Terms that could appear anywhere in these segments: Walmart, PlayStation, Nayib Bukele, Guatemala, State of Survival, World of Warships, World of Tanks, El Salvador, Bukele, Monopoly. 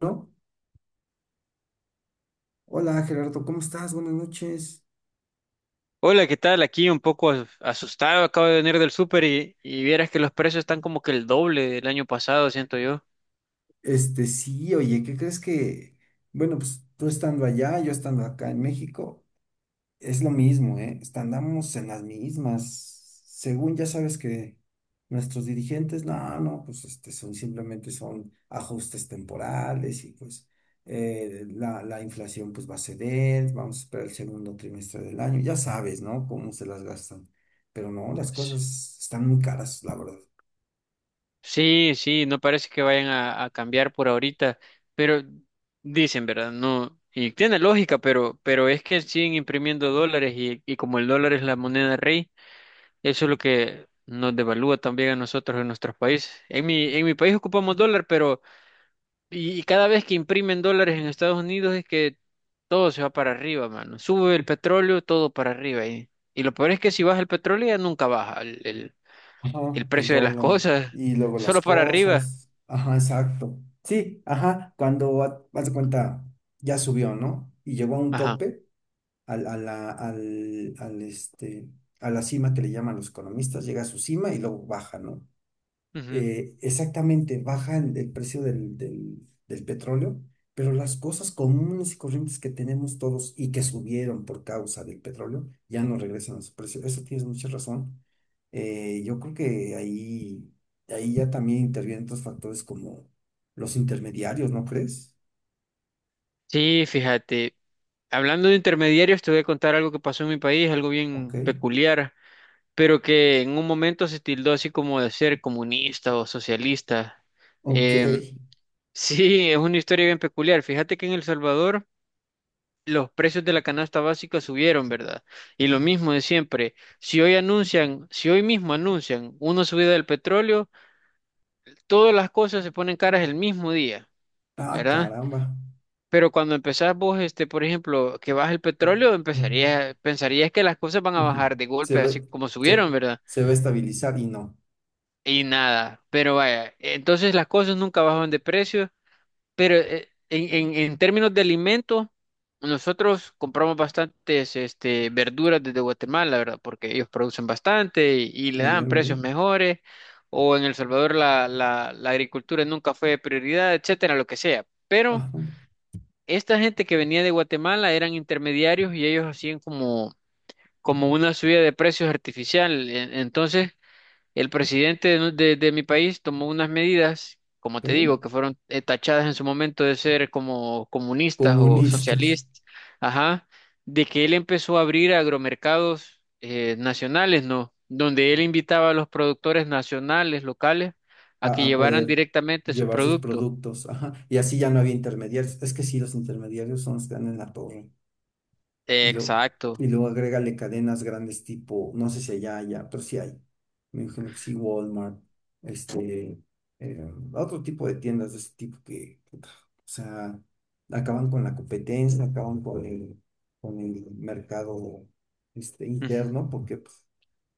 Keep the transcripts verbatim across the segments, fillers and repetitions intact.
¿No? Hola Gerardo, ¿cómo estás? Buenas noches. Hola, ¿qué tal? Aquí un poco as- asustado, acabo de venir del súper y, y vieras que los precios están como que el doble del año pasado, siento yo. Este, sí, oye, ¿qué crees que? Bueno, pues tú estando allá, yo estando acá en México, es lo mismo, ¿eh? Est- Andamos en las mismas. Según ya sabes que nuestros dirigentes, no, no, pues este, son simplemente son ajustes temporales y pues eh, la, la inflación pues va a ceder, vamos a esperar el segundo trimestre del año, ya sabes, ¿no? Cómo se las gastan. Pero no, las S- cosas están muy caras, la verdad. Sí, sí, no parece que vayan a, a cambiar por ahorita, pero dicen, ¿verdad? No, y tiene lógica, pero, pero es que siguen imprimiendo dólares y, y como el dólar es la moneda rey, eso es lo que nos devalúa también a nosotros en nuestros países. En mi, en mi país ocupamos dólar, pero Y, y cada vez que imprimen dólares en Estados Unidos es que todo se va para arriba, mano. Sube el petróleo, todo para arriba. Y, y lo peor es que si baja el petróleo ya nunca baja el, el- Ajá, el el precio de las dólar cosas, y luego las solo para arriba. cosas. Ajá, exacto. Sí, ajá, cuando ha- haz de cuenta ya subió, ¿no? Y llegó a un Ajá. tope al, a la, al, al, este, a la cima que le llaman los economistas, llega a su cima y luego baja, ¿no? Ujú. eh, exactamente baja el, el precio del, del, del petróleo, pero las cosas comunes y corrientes que tenemos todos y que subieron por causa del petróleo ya no regresan a su precio. Eso tienes mucha razón. Eh, yo creo que ahí, ahí ya también intervienen otros factores como los intermediarios, ¿no crees? Sí, fíjate. Hablando de intermediarios, te voy a contar algo que pasó en mi país, algo Ok, bien peculiar, pero que en un momento se tildó así como de ser comunista o socialista. ok. Em, sí, es una historia bien peculiar. Fíjate que en El Salvador, los precios de la canasta básica subieron, ¿verdad? Y lo mismo de siempre, si hoy anuncian, si hoy mismo anuncian una subida del petróleo, todas las cosas se ponen caras el mismo día, Ah, ¿verdad? caramba. Pero cuando empezás vos, este, por ejemplo, que baja el petróleo, empezarías, pensarías que las cosas van a bajar de Se golpe, ve, así como se, subieron, ¿verdad? se va a estabilizar y no. Y nada, pero vaya, entonces las cosas nunca bajan de precio. Pero eh, en, en- en términos de alimentos, nosotros compramos bastantes este, verduras desde Guatemala, ¿verdad? Porque ellos producen bastante y, y le Muy dan bien, muy precios bien. mejores. O en El Salvador la, la, la agricultura nunca fue prioridad, etcétera, lo que sea. Pero Ajá, esta gente que venía de Guatemala eran intermediarios y ellos hacían como, como una subida de precios artificial. E- Entonces, el presidente de, de- de mi país tomó unas medidas, como te ok. digo, que fueron eh, tachadas en su momento de ser como comunistas o Comunistas. socialistas, ajá, de que él empezó a abrir agromercados eh, nacionales, ¿no? Donde él invitaba a los productores nacionales, locales, a a, que a llevaran poder directamente su llevar sus producto. productos. Ajá. Y así ya no había intermediarios. Es que sí, los intermediarios son los que dan en la torre. Y, lo, Exacto. y luego agrégale cadenas grandes tipo, no sé si allá, allá, pero sí hay. Me imagino que sí, Walmart, este, eh, otro tipo de tiendas de ese tipo que, puta, o sea, acaban con la competencia, acaban con el, con el mercado este, Ujú. interno, porque, pues,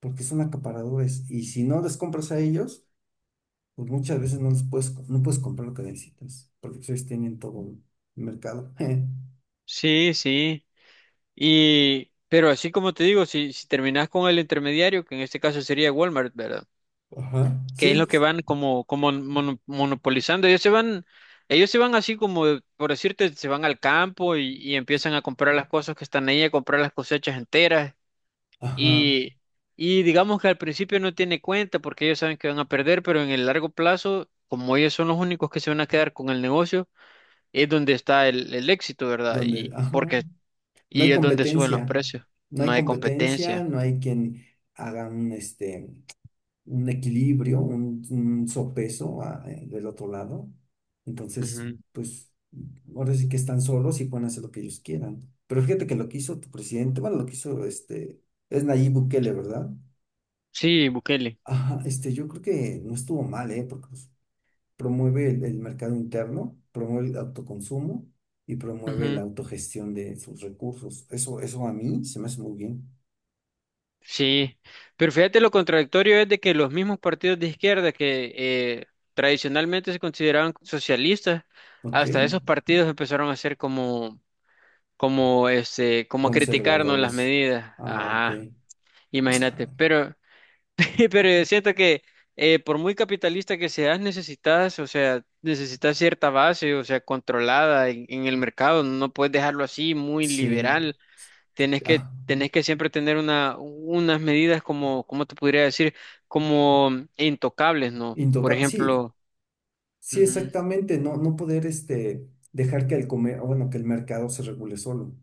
porque son acaparadores. Y si no les compras a ellos, pues muchas veces no les puedes, no puedes comprar lo que necesitas, porque pues, ellos tienen todo el mercado. Sí, sí. Y, pero así como te digo, si, si terminás con el intermediario, que en este caso sería Walmart, ¿verdad? Ajá, Que es sí, lo que pues, van como, como mono- monopolizando. Ellos se van, ellos se van así como, por decirte, se van al campo y, y empiezan a comprar las cosas que están ahí, a comprar las cosechas enteras. ajá, Y, y digamos que al principio no tiene cuenta porque ellos saben que van a perder, pero en el largo plazo, como ellos son los únicos que se van a quedar con el negocio, es donde está el, el éxito, ¿verdad? donde, Y ajá, porque no hay y es donde suben los competencia, precios. no No hay hay competencia, competencia. no hay quien haga un, este, un equilibrio, un, un sopeso, a- eh, del otro lado. Entonces, Ujú. pues, ahora sí que están solos y pueden hacer lo que ellos quieran. Pero fíjate que lo que hizo tu presidente, bueno, lo que hizo este, es Nayib Bukele, ¿verdad? Sí, Bukele. Ajá, este, yo creo que no estuvo mal, ¿eh? Porque pues, promueve el, el mercado interno, promueve el autoconsumo y promueve la Ujú. autogestión de sus recursos. Eso, eso a mí se me hace muy bien. Sí, pero fíjate lo contradictorio es de que los mismos partidos de izquierda que eh, tradicionalmente se consideraban socialistas, ¿Ok? hasta esos partidos empezaron a hacer como, como este, como a criticarnos las Conservadores. medidas. Ah, ok. Ajá, Ah, imagínate. Pero, pero yo siento que eh, por muy capitalista que seas, necesitas, o sea, necesitas cierta base, o sea, controlada en, en el mercado. No puedes dejarlo así muy sí. liberal. tenés que, Ah, tenés que siempre tener una, unas medidas como, ¿cómo te podría decir? Como mm, intocables, ¿no? Por intocable. Sí, ejemplo, sí, ujú, exactamente. No, no poder, este, dejar que el comer, bueno, que el mercado se regule solo.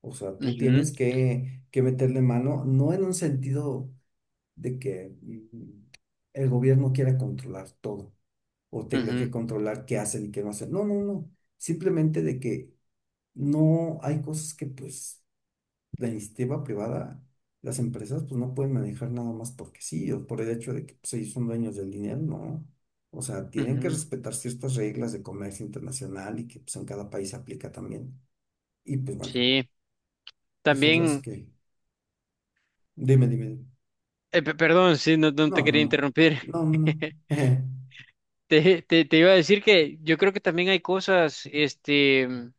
O sea, tú ujú, tienes que, que meterle mano, no en un sentido. De que mm, el gobierno quiera controlar todo o tenga ujú, que controlar qué hacen y qué no hacen. No, no, no. Simplemente de que no hay cosas que pues la iniciativa privada, las empresas pues no pueden manejar nada más porque sí o por el hecho de que pues, ellos son dueños del dinero, no. O sea, tienen que ujú. respetar ciertas reglas de comercio internacional y que pues en cada país aplica también. Y pues bueno, Sí, pues o sea, es también, que dime, dime. eh, pe- perdón, sí, no, no te No, no, quería no. interrumpir. No, no, no. Te, te, te iba a decir que yo creo que también hay cosas, este, mm,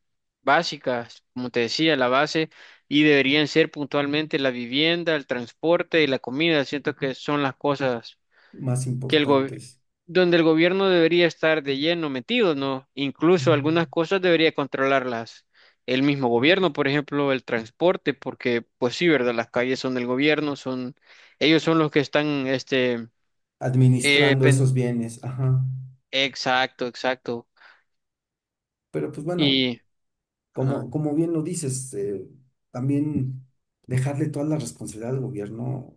básicas, como te decía, la base, y deberían ser puntualmente la vivienda, el transporte y la comida. Siento que son las cosas Más que el gobi- importantes. donde el gobierno debería estar de lleno metido, ¿no? Incluso algunas cosas debería controlarlas el mismo gobierno, por ejemplo, el transporte, porque pues sí, ¿verdad? Las calles son del gobierno, son ellos son los que están, este, eh, Administrando pen- esos bienes, ajá. exacto, exacto. Pero pues bueno, Y, ajá, como, como bien lo dices, eh, también dejarle toda la responsabilidad al gobierno,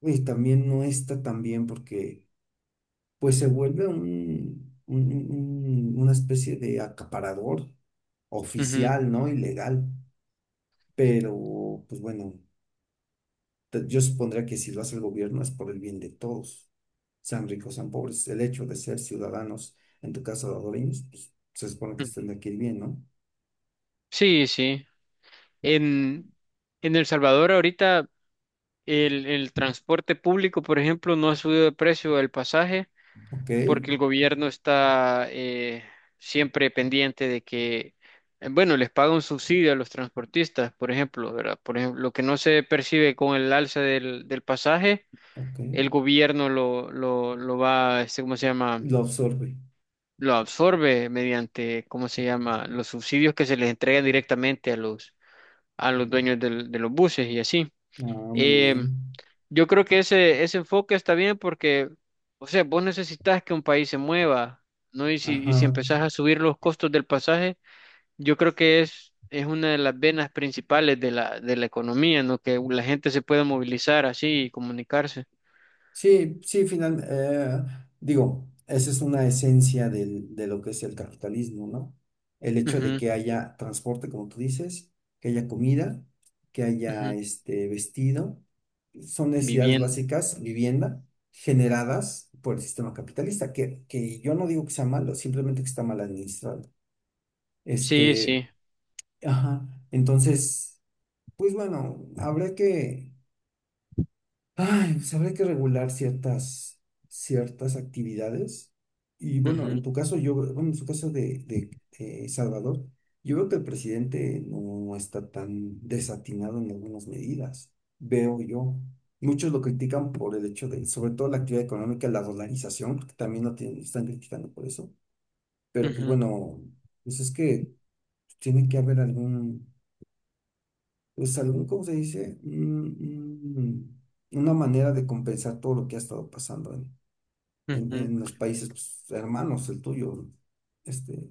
y también no está tan bien porque pues se vuelve un, un- un- una especie de acaparador ujú, oficial, ¿no? Ilegal. Pero pues bueno, Te- Yo supondría que si lo hace el gobierno es por el bien de todos, sean ricos, sean pobres. El hecho de ser ciudadanos, en tu caso salvadoreños, pues, se supone que estén ujú. de aquí bien, ¿no? Sí, sí. En, en El Salvador ahorita el, el transporte público, por ejemplo, no ha subido de precio el pasaje, Ok, porque el gobierno está eh, siempre pendiente de que, eh, bueno, les paga un subsidio a los transportistas, por ejemplo, ¿verdad? Por ejemplo, lo que no se percibe con el alza del, del pasaje, ok. el gobierno lo, lo, lo va, este, ¿cómo se llama? Lo absorbe. Lo absorbe mediante, ¿cómo se llama? Los subsidios que se les entregan directamente a los, a los dueños del- de los buses y así. Ah, muy Em, bien. yo creo que ese, ese enfoque está bien porque, o sea, vos necesitas que un país se mueva, ¿no? Y si, y si Ajá. empezás a subir los costos del pasaje, yo creo que es, es una de las venas principales de la, de la economía, ¿no? Que la gente se pueda movilizar así y comunicarse. Sí, sí, final, eh, digo, esa es una esencia del- de lo que es el capitalismo, ¿no? El hecho de Ujú, que haya transporte, como tú dices, que haya comida, que haya ujú. este vestido, son necesidades Vivienda. básicas, vivienda, generadas por el sistema capitalista, que, que yo no digo que sea malo, simplemente que está mal administrado. Sí, Este, sí. ajá, entonces, pues bueno, habrá que. Ay, pues habría que regular ciertas, ciertas actividades. Y bueno, en Ujú, tu caso, yo, bueno, en su caso de, de, eh, Salvador, yo veo que el presidente no está tan desatinado en algunas medidas. Veo yo. Muchos lo critican por el hecho de, sobre todo la actividad económica, la dolarización, porque también lo tienen- están criticando por eso. Pero pues ujú, bueno, pues es que tiene que haber algún, pues algún, ¿cómo se dice? Mm, mm, una manera de compensar todo lo que ha estado pasando en, en, ujú, en, los países pues, hermanos, el tuyo, este,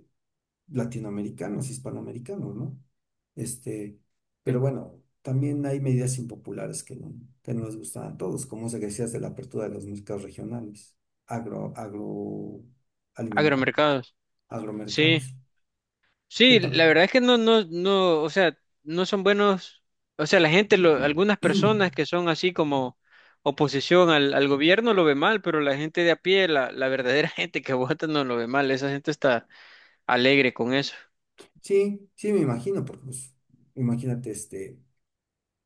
latinoamericanos, hispanoamericanos, ¿no? Este, pero sí. bueno, también hay medidas impopulares que no, que no les gustan a todos, como se decías de la apertura de los mercados regionales, agro, agroalimentario, Agromercados. Sí. agromercados. ¿Qué Sí, para? la verdad es que no, no, no, o sea, no son buenos, o sea, la gente, lo- algunas personas que son así como oposición al, al gobierno lo ve mal, pero la gente de a pie, la, la verdadera gente que vota no lo ve mal, esa gente está alegre con eso. Sí, sí, me imagino, porque pues, imagínate, este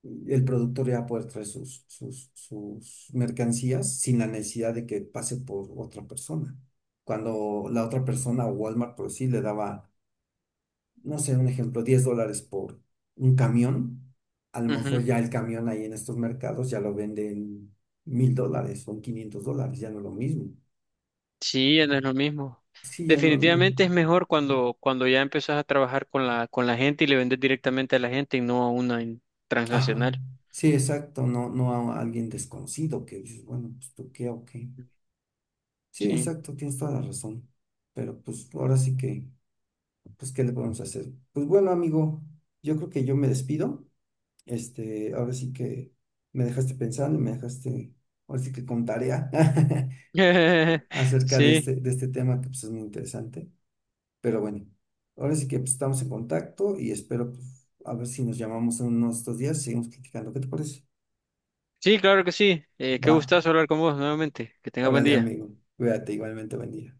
el productor ya va a poder traer sus, sus, sus mercancías sin la necesidad de que pase por otra persona. Cuando la otra persona o Walmart, por sí, le daba, no sé, un ejemplo, diez dólares por un camión, a lo Ujú. mejor ya el camión ahí en estos mercados ya lo venden mil dólares o en quinientos dólares, ya no es lo mismo. Sí, ya no es lo mismo. Sí, ya no, no. Definitivamente es mejor cuando, cuando ya empezás a trabajar con la, con la gente y le vendes directamente a la gente y no a una en- Ajá. transnacional. Sí, exacto, no, no a alguien desconocido que dices, bueno, pues tú qué o qué. Sí, Sí. exacto, tienes toda la razón. Pero pues ahora sí que, pues, ¿qué le podemos hacer? Pues bueno, amigo, yo creo que yo me despido. Este, ahora sí que me dejaste pensando y me dejaste, ahora sí que con tarea acerca de Sí. este, de este tema que pues es muy interesante. Pero bueno, ahora sí que pues, estamos en contacto y espero pues, a ver si nos llamamos en unos dos días, seguimos platicando. ¿Qué te parece? Sí, claro que sí. Eh, qué Va, gustazo hablar con vos nuevamente. Que tengas buen órale, día. amigo, cuídate igualmente, buen día.